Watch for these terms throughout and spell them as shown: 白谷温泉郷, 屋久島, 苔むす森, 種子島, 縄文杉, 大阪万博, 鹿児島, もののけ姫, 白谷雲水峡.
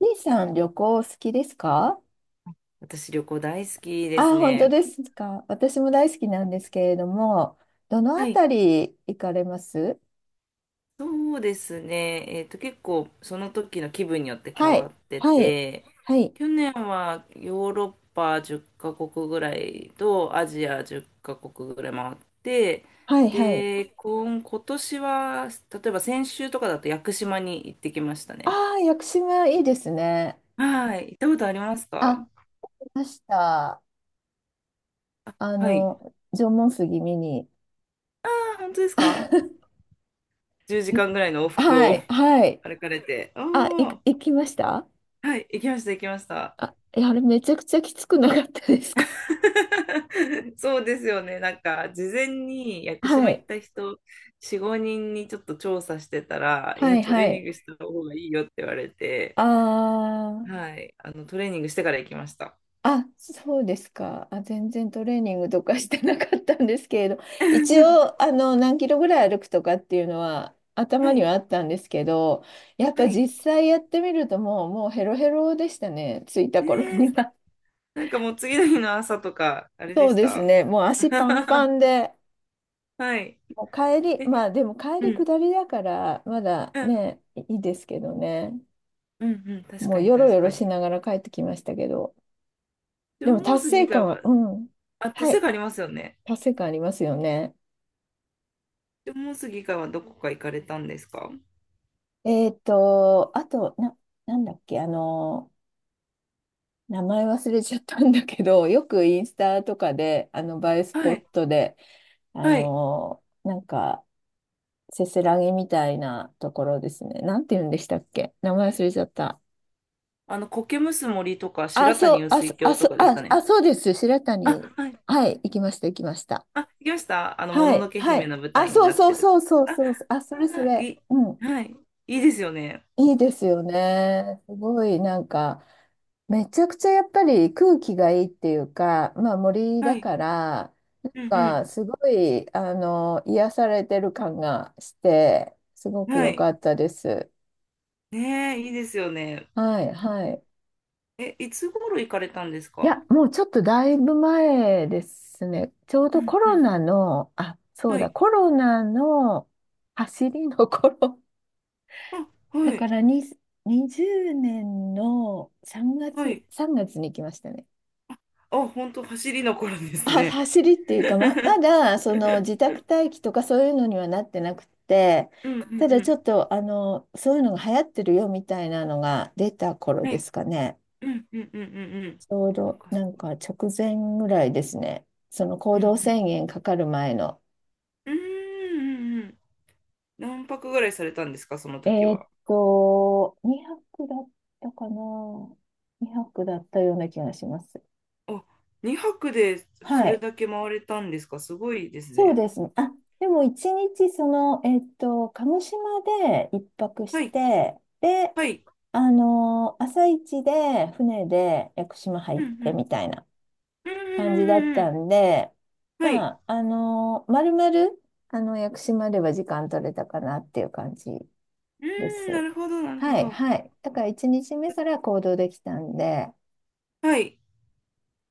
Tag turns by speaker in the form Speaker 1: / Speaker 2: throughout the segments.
Speaker 1: 姉さん、旅行好きですか？
Speaker 2: 私、旅行大好きです
Speaker 1: あ、本当
Speaker 2: ね。
Speaker 1: ですか。私も大好きなんですけれども、どのあ
Speaker 2: はい、
Speaker 1: たり行かれます？
Speaker 2: そうですね。結構、その時の気分によって変
Speaker 1: は
Speaker 2: わ
Speaker 1: い、
Speaker 2: って
Speaker 1: はい、
Speaker 2: て、
Speaker 1: はい、
Speaker 2: 去年はヨーロッパ10カ国ぐらいとアジア10カ国ぐらい回って、
Speaker 1: はい、はい。
Speaker 2: で、今年は、例えば先週とかだと屋久島に行ってきましたね。
Speaker 1: ああ、屋久島いいですね。
Speaker 2: はい、行ったことありますか？
Speaker 1: あ、いました。
Speaker 2: はい。
Speaker 1: 縄文杉見に。
Speaker 2: あ、本当ですか？ 10 時間ぐらいの往復
Speaker 1: は
Speaker 2: を
Speaker 1: い、はい。
Speaker 2: 歩かれて。お
Speaker 1: あ、
Speaker 2: ー、
Speaker 1: 行きました？
Speaker 2: はい、行きました、行きました。
Speaker 1: あ、いやあれめちゃくちゃきつくなかったですか？
Speaker 2: そうですよね。なんか、事前に屋久
Speaker 1: は
Speaker 2: 島行っ
Speaker 1: い、
Speaker 2: た人、4、5人にちょっと調査してたら、い
Speaker 1: は
Speaker 2: や、
Speaker 1: い、
Speaker 2: トレ
Speaker 1: は
Speaker 2: ーニン
Speaker 1: い。
Speaker 2: グした方がいいよって言われて、
Speaker 1: あ
Speaker 2: はい、トレーニングしてから行きました。
Speaker 1: あ、そうですか。あ、全然トレーニングとか してなかったんですけれど、一応、何キロぐらい歩くとかっていうのは
Speaker 2: は
Speaker 1: 頭に
Speaker 2: い、
Speaker 1: はあったんですけど、やっぱ
Speaker 2: はい。
Speaker 1: 実際やってみるともう、もうヘロヘロでしたね、着いた
Speaker 2: ね
Speaker 1: 頃
Speaker 2: え。
Speaker 1: には。
Speaker 2: なんかもう次の日の朝とか、あ れで
Speaker 1: そう
Speaker 2: し
Speaker 1: です
Speaker 2: た。
Speaker 1: ね、もう足パンパン で、
Speaker 2: はい。
Speaker 1: もう帰り、
Speaker 2: え、
Speaker 1: まあでも帰
Speaker 2: う
Speaker 1: り
Speaker 2: ん、
Speaker 1: 下りだから、まだ
Speaker 2: うん、
Speaker 1: ね、いいですけどね、
Speaker 2: うん、うん、確
Speaker 1: も
Speaker 2: か
Speaker 1: う
Speaker 2: に
Speaker 1: よろ
Speaker 2: 確
Speaker 1: よろ
Speaker 2: か
Speaker 1: し
Speaker 2: に。
Speaker 1: ながら帰ってきましたけど、
Speaker 2: 縄
Speaker 1: でも
Speaker 2: 文
Speaker 1: 達
Speaker 2: 杉以
Speaker 1: 成
Speaker 2: 外
Speaker 1: 感は、
Speaker 2: は、
Speaker 1: うん、
Speaker 2: あ、
Speaker 1: は
Speaker 2: 確
Speaker 1: い、
Speaker 2: かありますよね。
Speaker 1: 達成感ありますよね。
Speaker 2: 縄文杉以外はどこか行かれたんですか？
Speaker 1: あと、なんだっけ、名前忘れちゃったんだけど、よくインスタとかで、映えスポ
Speaker 2: は
Speaker 1: ッ
Speaker 2: い、
Speaker 1: トで、あ
Speaker 2: はい。
Speaker 1: の、なんか、せせらぎみたいなところですね。なんて言うんでしたっけ、名前忘れちゃった。
Speaker 2: 苔むす森とか、
Speaker 1: あ、
Speaker 2: 白
Speaker 1: そ
Speaker 2: 谷
Speaker 1: う、
Speaker 2: 雨
Speaker 1: あ、
Speaker 2: 水
Speaker 1: そあ、
Speaker 2: 郷と
Speaker 1: そ
Speaker 2: かです
Speaker 1: あ、
Speaker 2: かね。
Speaker 1: あ、そうです。白
Speaker 2: あ、
Speaker 1: 谷。
Speaker 2: はい。
Speaker 1: はい、行きました、行きました。
Speaker 2: あ、行きました。も
Speaker 1: は
Speaker 2: のの
Speaker 1: い、
Speaker 2: け
Speaker 1: は
Speaker 2: 姫
Speaker 1: い。
Speaker 2: の舞
Speaker 1: あ、
Speaker 2: 台に
Speaker 1: そう
Speaker 2: なっ
Speaker 1: そ
Speaker 2: て
Speaker 1: う
Speaker 2: る。
Speaker 1: そうそう
Speaker 2: あ、
Speaker 1: そう。あ、それそ
Speaker 2: あ
Speaker 1: れ。
Speaker 2: い
Speaker 1: うん。
Speaker 2: い、はい。いいですよね。
Speaker 1: いいですよね。すごいなんか、めちゃくちゃやっぱり空気がいいっていうか、まあ森
Speaker 2: は
Speaker 1: だ
Speaker 2: い。
Speaker 1: から、なん
Speaker 2: うん
Speaker 1: かすごい、癒されてる感がして、すご
Speaker 2: うん。
Speaker 1: く
Speaker 2: は
Speaker 1: 良
Speaker 2: い。
Speaker 1: かったです。
Speaker 2: ねえ、いいですよね。
Speaker 1: はい、はい。
Speaker 2: え、いつ頃行かれたんです
Speaker 1: いや、
Speaker 2: か？
Speaker 1: もうちょっとだいぶ前ですね。ちょう
Speaker 2: う
Speaker 1: どコ
Speaker 2: んう
Speaker 1: ロ
Speaker 2: ん。
Speaker 1: ナの、あ、そう
Speaker 2: は
Speaker 1: だ、
Speaker 2: い。
Speaker 1: コロナの走りの頃。
Speaker 2: あ、
Speaker 1: だ
Speaker 2: は
Speaker 1: か
Speaker 2: い。
Speaker 1: らに20年の3
Speaker 2: は
Speaker 1: 月、
Speaker 2: い。
Speaker 1: 3月に行きましたね。
Speaker 2: あ、本当走りの頃です
Speaker 1: は
Speaker 2: ね。
Speaker 1: 走りっていうか、ま だその自宅待機とかそういうのにはなってなくって、
Speaker 2: うんうんう
Speaker 1: ただちょ
Speaker 2: ん。
Speaker 1: っとあのそういうのが流行ってるよみたいなのが出た頃
Speaker 2: は
Speaker 1: で
Speaker 2: い。
Speaker 1: すかね。
Speaker 2: うんうんうんうんうん。
Speaker 1: ちょう
Speaker 2: そっ
Speaker 1: ど
Speaker 2: かそっ
Speaker 1: なん
Speaker 2: か。
Speaker 1: か直前ぐらいですね。その行
Speaker 2: うんう
Speaker 1: 動
Speaker 2: ん。
Speaker 1: 制限かかる前の。
Speaker 2: うーん。うんうん。何泊ぐらいされたんですか、その時は？
Speaker 1: 2泊だったかな。2泊だったような気がします。
Speaker 2: あ、2泊でそ
Speaker 1: は
Speaker 2: れ
Speaker 1: い。
Speaker 2: だけ回れたんですか？すごいです
Speaker 1: そう
Speaker 2: ね。
Speaker 1: ですね。あ、でも一日その、鹿児島で一泊し
Speaker 2: はい、
Speaker 1: て、で、
Speaker 2: はい。
Speaker 1: あの朝一で船で屋久島入
Speaker 2: う
Speaker 1: っ
Speaker 2: んう
Speaker 1: て
Speaker 2: ん
Speaker 1: みたいな
Speaker 2: うんう
Speaker 1: 感じだっ
Speaker 2: んうんう
Speaker 1: た
Speaker 2: ん。
Speaker 1: んで、
Speaker 2: は
Speaker 1: ま
Speaker 2: い。
Speaker 1: あ、あのまるまる、あの、屋久島では時間取れたかなっていう感じ
Speaker 2: う
Speaker 1: で
Speaker 2: ーん、な
Speaker 1: す。
Speaker 2: るほど、なるほ
Speaker 1: はい、
Speaker 2: ど。
Speaker 1: はい。だから一日目から行動できたんで、
Speaker 2: はい。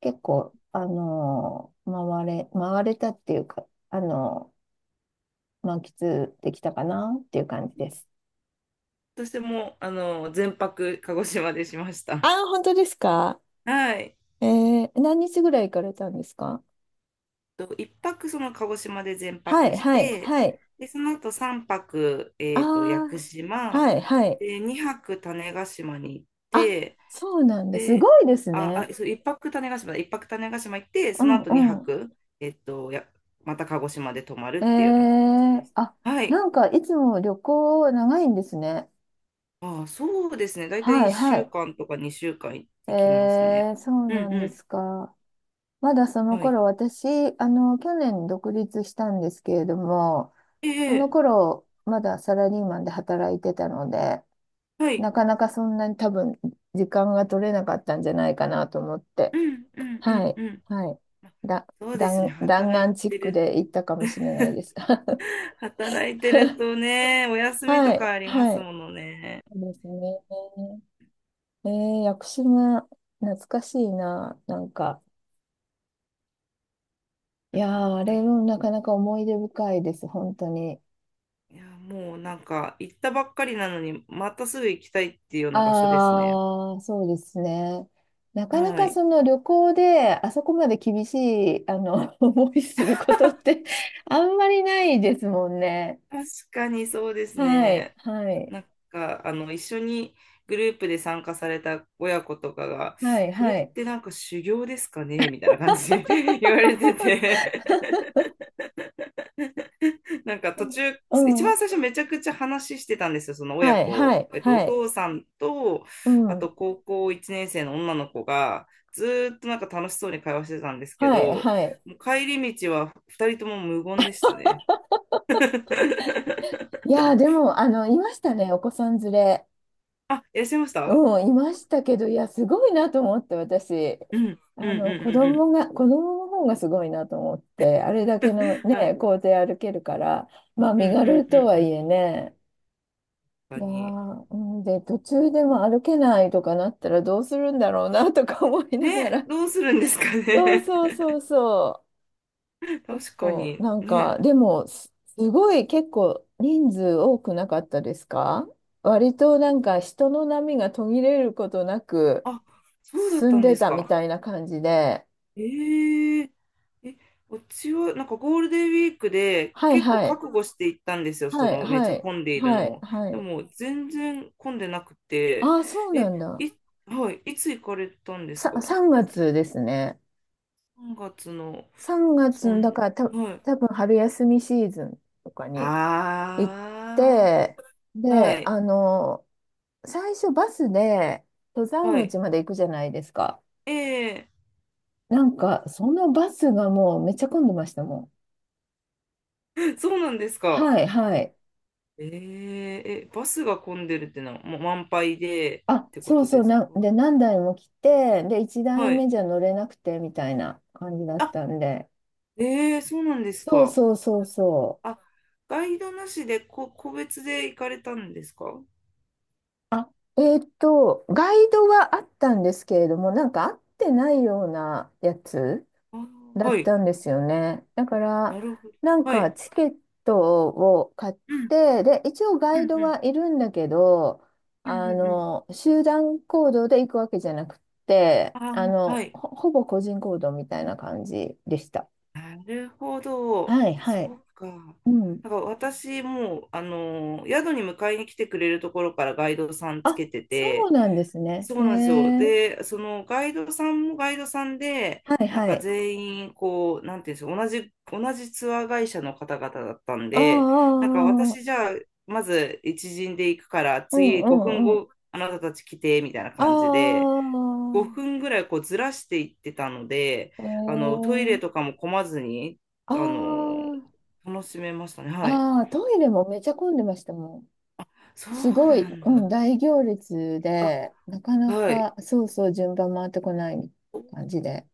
Speaker 1: 結構、回れたっていうか、あの満喫できたかなっていう感じです。
Speaker 2: 私も、全泊鹿児島でしまし
Speaker 1: あ
Speaker 2: た。
Speaker 1: あ、本当ですか？
Speaker 2: はい。
Speaker 1: えー、何日ぐらい行かれたんですか？
Speaker 2: と、1泊その鹿児島で全
Speaker 1: は
Speaker 2: 泊
Speaker 1: い、
Speaker 2: し
Speaker 1: はい、
Speaker 2: て、
Speaker 1: はい。
Speaker 2: で、その後3泊、
Speaker 1: あ
Speaker 2: 屋久
Speaker 1: あ、
Speaker 2: 島、
Speaker 1: はい、はい。
Speaker 2: で、2泊種子島に行っ
Speaker 1: あ、
Speaker 2: て、
Speaker 1: そうなんだ。す
Speaker 2: で、
Speaker 1: ごいです
Speaker 2: あ、
Speaker 1: ね。
Speaker 2: あ、そう、1泊種子島だ、1泊種子島行って、
Speaker 1: う
Speaker 2: その
Speaker 1: ん、
Speaker 2: 後2
Speaker 1: う
Speaker 2: 泊、また鹿児島で泊ま
Speaker 1: ん。
Speaker 2: るっていうような形
Speaker 1: え
Speaker 2: で
Speaker 1: ー、
Speaker 2: した。
Speaker 1: あ、
Speaker 2: はい。
Speaker 1: なんかいつも旅行長いんですね。
Speaker 2: あ、そうですね。だいたい
Speaker 1: はい、
Speaker 2: 1
Speaker 1: は
Speaker 2: 週
Speaker 1: い。
Speaker 2: 間とか2週間行きますね。
Speaker 1: えー、そう
Speaker 2: うん
Speaker 1: なんで
Speaker 2: う
Speaker 1: すか。まだそ
Speaker 2: ん。
Speaker 1: の
Speaker 2: はい。
Speaker 1: 頃、私、去年独立したんですけれども、
Speaker 2: え
Speaker 1: その
Speaker 2: え、
Speaker 1: 頃、まだサラリーマンで働いてたので、
Speaker 2: はい。
Speaker 1: なかなかそんなに多分、時間が取れなかったんじゃないかなと思っ
Speaker 2: う
Speaker 1: て、
Speaker 2: んうんう
Speaker 1: は
Speaker 2: ん
Speaker 1: い、
Speaker 2: うん。
Speaker 1: はい。だ、
Speaker 2: そうですね。
Speaker 1: 弾
Speaker 2: 働い
Speaker 1: 丸チッ
Speaker 2: て
Speaker 1: ク
Speaker 2: る
Speaker 1: で行ったかもしれないで す。
Speaker 2: 働いてるとね、お休み
Speaker 1: は
Speaker 2: とか
Speaker 1: い、
Speaker 2: ありま
Speaker 1: は
Speaker 2: す
Speaker 1: い。
Speaker 2: ものね。
Speaker 1: そうですね。えー、屋久島、懐かしいな、なんか。い
Speaker 2: うん
Speaker 1: や
Speaker 2: うん。
Speaker 1: ー、あ
Speaker 2: なん
Speaker 1: れ
Speaker 2: か、
Speaker 1: もなかなか思い出深いです、本当に。
Speaker 2: いや、もうなんか行ったばっかりなのに、またすぐ行きたいっていうような場所ですね。
Speaker 1: ああ、そうですね。なかな
Speaker 2: は
Speaker 1: か
Speaker 2: い。
Speaker 1: その旅行であそこまで厳しい思いすることって あんまりないですもんね。
Speaker 2: 確かにそうです
Speaker 1: はい、
Speaker 2: ね。
Speaker 1: はい、
Speaker 2: なんか、一緒にグループで参加された親子とかが、
Speaker 1: はい、
Speaker 2: これ
Speaker 1: は
Speaker 2: っ
Speaker 1: い。
Speaker 2: てなんか修行ですかねみたいな感じで 言われて て、なんか途中、
Speaker 1: う
Speaker 2: 一
Speaker 1: ん、
Speaker 2: 番最初めちゃくちゃ話してたんですよ、その親
Speaker 1: はい、は
Speaker 2: 子。
Speaker 1: い、
Speaker 2: お
Speaker 1: はい。
Speaker 2: 父さんと、
Speaker 1: う
Speaker 2: あ
Speaker 1: ん、
Speaker 2: と高校1年生の女の子が、ずーっとなんか楽しそうに会話してたんですけ
Speaker 1: はい、
Speaker 2: ど、
Speaker 1: はい。
Speaker 2: もう帰り道は2人とも無言でしたね。
Speaker 1: いやー、でも、いましたね、お子さん連れ。
Speaker 2: あ、いらっしゃいました？
Speaker 1: うん、いましたけど、いや、すごいなと思って、私、
Speaker 2: うん、うん、うん、う
Speaker 1: 子供の方がすごいなと思って、
Speaker 2: ん、
Speaker 1: あれだ
Speaker 2: うん。
Speaker 1: けの
Speaker 2: はい。
Speaker 1: ね、校庭歩けるから、まあ、
Speaker 2: う
Speaker 1: 身
Speaker 2: ん、う
Speaker 1: 軽
Speaker 2: ん、うん、
Speaker 1: とは
Speaker 2: う
Speaker 1: い
Speaker 2: ん。
Speaker 1: えね、い
Speaker 2: 確
Speaker 1: や
Speaker 2: かに。
Speaker 1: ー、うん、で、途中でも歩けないとかなったらどうするんだろうなとか思いなが
Speaker 2: ね、
Speaker 1: ら、
Speaker 2: どうするんですか
Speaker 1: そう
Speaker 2: ね。
Speaker 1: そうそうそ う、結
Speaker 2: 確か
Speaker 1: 構、
Speaker 2: に。
Speaker 1: なんか、
Speaker 2: ね。
Speaker 1: でも、すごい結構人数多くなかったですか？割となんか人の波が途切れることなく、
Speaker 2: あ、そうだっ
Speaker 1: 進
Speaker 2: た
Speaker 1: ん
Speaker 2: んで
Speaker 1: で
Speaker 2: す
Speaker 1: たみ
Speaker 2: か。
Speaker 1: たいな感じで、
Speaker 2: えええ、うちはなんかゴールデンウィークで
Speaker 1: はい
Speaker 2: 結構
Speaker 1: はい、
Speaker 2: 覚悟して行ったんですよ、そ
Speaker 1: はい
Speaker 2: のめっ
Speaker 1: は
Speaker 2: ちゃ
Speaker 1: い、
Speaker 2: 混んでいる
Speaker 1: は
Speaker 2: の
Speaker 1: い、
Speaker 2: を。
Speaker 1: は
Speaker 2: で
Speaker 1: い。
Speaker 2: も全然混んでなくて、
Speaker 1: ああ、そうな
Speaker 2: え、
Speaker 1: んだ。
Speaker 2: い、はい、いつ行かれたんですか？
Speaker 1: 3月ですね。
Speaker 2: 3 月の、
Speaker 1: 3月
Speaker 2: そ
Speaker 1: の、だ
Speaker 2: ん、
Speaker 1: からた、
Speaker 2: はい。
Speaker 1: 多分春休みシーズンとかに行っ
Speaker 2: あ
Speaker 1: て、
Speaker 2: あ、は
Speaker 1: で、
Speaker 2: い、
Speaker 1: 最初バスで登山
Speaker 2: はい。
Speaker 1: 口まで行くじゃないですか。
Speaker 2: ええ
Speaker 1: なんか、そのバスがもうめっちゃ混んでましたもん。
Speaker 2: そうなんですか。
Speaker 1: はいはい。
Speaker 2: えええ、バスが混んでるってのはもう満杯でっ
Speaker 1: あ、
Speaker 2: てこ
Speaker 1: そう
Speaker 2: と
Speaker 1: そ
Speaker 2: で
Speaker 1: う、
Speaker 2: す
Speaker 1: なん、
Speaker 2: か？
Speaker 1: で、何台も来て、で、1台
Speaker 2: はい。
Speaker 1: 目じゃ乗れなくてみたいな感じだっ
Speaker 2: あ、
Speaker 1: たんで、
Speaker 2: ええそうなんです
Speaker 1: そう
Speaker 2: か。
Speaker 1: そうそうそう。
Speaker 2: あ、ガイドなしで個別で行かれたんですか？
Speaker 1: あ、ガイドはあったんですけれども、なんか合ってないようなやつ
Speaker 2: あー、
Speaker 1: だ
Speaker 2: は
Speaker 1: っ
Speaker 2: い。
Speaker 1: たんですよね。だか
Speaker 2: な
Speaker 1: ら、
Speaker 2: るほど。
Speaker 1: なん
Speaker 2: は
Speaker 1: か
Speaker 2: い。
Speaker 1: チケットを買っ
Speaker 2: うん、
Speaker 1: て、で、一応ガ
Speaker 2: う
Speaker 1: イ
Speaker 2: ん、
Speaker 1: ド
Speaker 2: うん、
Speaker 1: はいるんだけど、
Speaker 2: うん、うん。うん。
Speaker 1: 集団行動で行くわけじゃなくって、
Speaker 2: あー、はい。
Speaker 1: ほぼ個人行動みたいな感じでした。
Speaker 2: なるほど。
Speaker 1: はい、
Speaker 2: そ
Speaker 1: はい。
Speaker 2: うか。
Speaker 1: うん。
Speaker 2: なんか私もう、宿に迎えに来てくれるところからガイドさんつ
Speaker 1: あ、
Speaker 2: けて
Speaker 1: そう
Speaker 2: て、
Speaker 1: なんですね。
Speaker 2: そ
Speaker 1: へ
Speaker 2: うなんですよ。
Speaker 1: え。
Speaker 2: で、そのガイドさんもガイドさんで、
Speaker 1: はい、
Speaker 2: なん
Speaker 1: は
Speaker 2: か
Speaker 1: い。
Speaker 2: 全員、こう、なんていうんですか、同じツアー会社の方々だったん
Speaker 1: あ
Speaker 2: で、なんか
Speaker 1: あ、
Speaker 2: 私じ
Speaker 1: ああ、
Speaker 2: ゃあ、まず一陣で行くから、
Speaker 1: うん、
Speaker 2: 次
Speaker 1: う
Speaker 2: 5分
Speaker 1: ん、うん。
Speaker 2: 後、あなたたち来て、みたいな
Speaker 1: あ
Speaker 2: 感じで、5分ぐらいこうずらしていってたので、
Speaker 1: あ、へ
Speaker 2: トイレ
Speaker 1: え。
Speaker 2: とかも混まずに、あの、
Speaker 1: あ
Speaker 2: 楽しめましたね。はい。
Speaker 1: あ、ああ、トイレもめちゃ混んでましたもん。
Speaker 2: そう
Speaker 1: すごい、
Speaker 2: なん
Speaker 1: うん、
Speaker 2: だ。
Speaker 1: 大行列
Speaker 2: あ、
Speaker 1: で、なかな
Speaker 2: はい。
Speaker 1: か、そうそう、順番回ってこない感じで。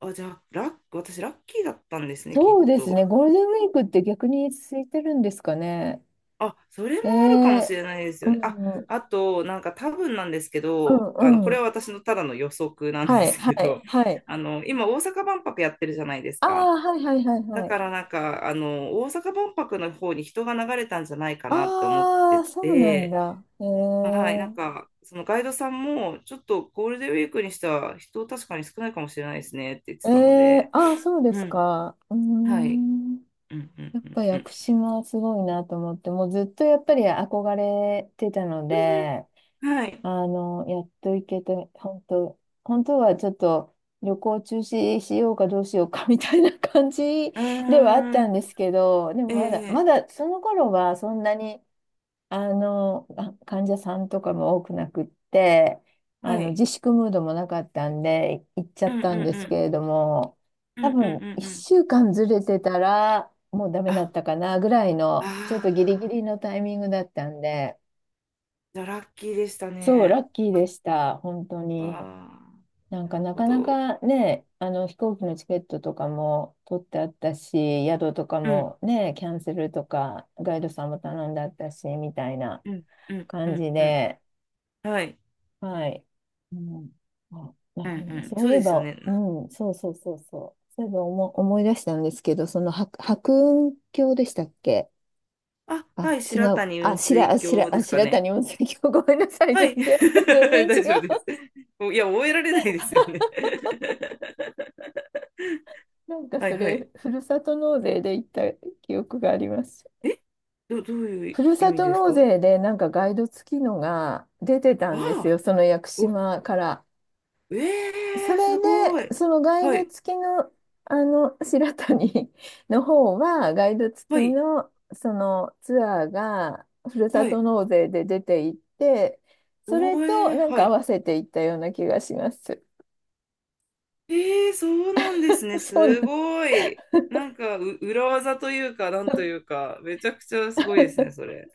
Speaker 2: あ、じゃあ、私、ラッキーだったんですね、きっ
Speaker 1: そうです
Speaker 2: と。
Speaker 1: ね。ゴールデンウィークって逆に空いてるんですかね。
Speaker 2: あ、それも
Speaker 1: え
Speaker 2: あるかもし
Speaker 1: え。
Speaker 2: れないです
Speaker 1: う
Speaker 2: よね。あ、
Speaker 1: ん、う
Speaker 2: あと、なんか多分なんですけど、こ
Speaker 1: ん、う
Speaker 2: れ
Speaker 1: ん。
Speaker 2: は私のただの予測なんで
Speaker 1: はい、
Speaker 2: す
Speaker 1: は
Speaker 2: け
Speaker 1: い、
Speaker 2: ど、
Speaker 1: はい。
Speaker 2: 今、大阪万博やってるじゃないです
Speaker 1: ああ、
Speaker 2: か。
Speaker 1: はいはいはい
Speaker 2: だ
Speaker 1: は
Speaker 2: か
Speaker 1: い。
Speaker 2: らなんか、大阪万博の方に人が流れたんじゃないかなって思っ
Speaker 1: ああ、
Speaker 2: て
Speaker 1: そうなん
Speaker 2: て、
Speaker 1: だ。へ
Speaker 2: はい、なん
Speaker 1: え。
Speaker 2: か、そのガイドさんも、ちょっとゴールデンウィークにしては人確かに少ないかもしれないですねって言って
Speaker 1: え
Speaker 2: たの
Speaker 1: え、
Speaker 2: で、
Speaker 1: ああ、そうで
Speaker 2: う
Speaker 1: す
Speaker 2: ん、
Speaker 1: か。うー
Speaker 2: はい。
Speaker 1: ん。
Speaker 2: うんうん
Speaker 1: やっ
Speaker 2: うん
Speaker 1: ぱ
Speaker 2: う
Speaker 1: 屋
Speaker 2: ん
Speaker 1: 久島はすごいなと思って、もうずっとやっぱり憧れてたの
Speaker 2: うんうん。
Speaker 1: で、
Speaker 2: はい。
Speaker 1: やっと行けて、本当、本当はちょっと旅行中止しようかどうしようかみたいな感じ
Speaker 2: あ
Speaker 1: ではあった
Speaker 2: ー、
Speaker 1: んですけど、でもまだ、
Speaker 2: え
Speaker 1: ま
Speaker 2: え、
Speaker 1: だその頃はそんなに、患者さんとかも多くなくって、
Speaker 2: はい。
Speaker 1: 自粛ムードもなかったんで、行っちゃ
Speaker 2: う
Speaker 1: っ
Speaker 2: んうん
Speaker 1: たんで
Speaker 2: う
Speaker 1: すけ
Speaker 2: ん。
Speaker 1: れども、
Speaker 2: うん
Speaker 1: 多
Speaker 2: うん
Speaker 1: 分
Speaker 2: うんうん。
Speaker 1: 1週間ずれてたら、もうダメだっ
Speaker 2: あ、
Speaker 1: たかなぐらいの、ちょっとギリギ
Speaker 2: ああ、
Speaker 1: リのタイミングだったんで、
Speaker 2: じゃあラッキーでした
Speaker 1: そう、ラ
Speaker 2: ね。
Speaker 1: ッキーでした、本当
Speaker 2: わ
Speaker 1: に。な
Speaker 2: あ、
Speaker 1: ん
Speaker 2: なる
Speaker 1: か、な
Speaker 2: ほ
Speaker 1: かな
Speaker 2: ど。
Speaker 1: かね、飛行機のチケットとかも取ってあったし、宿とか
Speaker 2: うん
Speaker 1: もね、キャンセルとか、ガイドさんも頼んであったし、みたいな。
Speaker 2: うんうんう
Speaker 1: 感
Speaker 2: ん
Speaker 1: じ
Speaker 2: うん。
Speaker 1: で、
Speaker 2: はい。
Speaker 1: はい。うん、あ、な
Speaker 2: う
Speaker 1: か
Speaker 2: ん
Speaker 1: な
Speaker 2: う
Speaker 1: か、
Speaker 2: ん。
Speaker 1: そう
Speaker 2: そ
Speaker 1: い
Speaker 2: う
Speaker 1: え
Speaker 2: ですよ
Speaker 1: ば、
Speaker 2: ね。
Speaker 1: うん、そうそうそうそう。そういえば思い出したんですけど、その白雲峡でしたっけ？
Speaker 2: あ、
Speaker 1: あ、
Speaker 2: はい。
Speaker 1: 違
Speaker 2: 白
Speaker 1: う。
Speaker 2: 谷
Speaker 1: あ、
Speaker 2: 雲
Speaker 1: 白、
Speaker 2: 水
Speaker 1: あ
Speaker 2: 峡
Speaker 1: 白、
Speaker 2: で
Speaker 1: あ、
Speaker 2: すか
Speaker 1: 白
Speaker 2: ね。
Speaker 1: 谷温泉郷。ごめんなさい。
Speaker 2: は
Speaker 1: 全
Speaker 2: い。
Speaker 1: 然、全然
Speaker 2: 大
Speaker 1: 違
Speaker 2: 丈夫です。
Speaker 1: う。
Speaker 2: お、いや、覚えられないですよね。
Speaker 1: なんか
Speaker 2: はい
Speaker 1: そ
Speaker 2: は
Speaker 1: れ、
Speaker 2: い。
Speaker 1: ふるさと納税で行った記憶があります。
Speaker 2: えどうい
Speaker 1: ふ
Speaker 2: う
Speaker 1: る
Speaker 2: 意
Speaker 1: さ
Speaker 2: 味
Speaker 1: と
Speaker 2: です
Speaker 1: 納
Speaker 2: か？
Speaker 1: 税でなんかガイド付きのが出てた
Speaker 2: あ
Speaker 1: んです
Speaker 2: あ、
Speaker 1: よ。その屋久島から。そ
Speaker 2: ええす
Speaker 1: れ
Speaker 2: ご
Speaker 1: で、
Speaker 2: い。
Speaker 1: そのガイ
Speaker 2: は
Speaker 1: ド
Speaker 2: い、
Speaker 1: 付きの、白谷 の方は、ガイド付
Speaker 2: は
Speaker 1: き
Speaker 2: い、
Speaker 1: の、そのツアーが、ふるさ
Speaker 2: は
Speaker 1: と
Speaker 2: い。
Speaker 1: 納税で出ていって、それ
Speaker 2: お
Speaker 1: と、
Speaker 2: えー、
Speaker 1: なん
Speaker 2: は
Speaker 1: か合
Speaker 2: い。
Speaker 1: わせていったような気がします。
Speaker 2: ええ、そうなんです ね。
Speaker 1: そうなん
Speaker 2: すごい。なんか、裏技というか、なんというか、めちゃくちゃすごいですね、それ。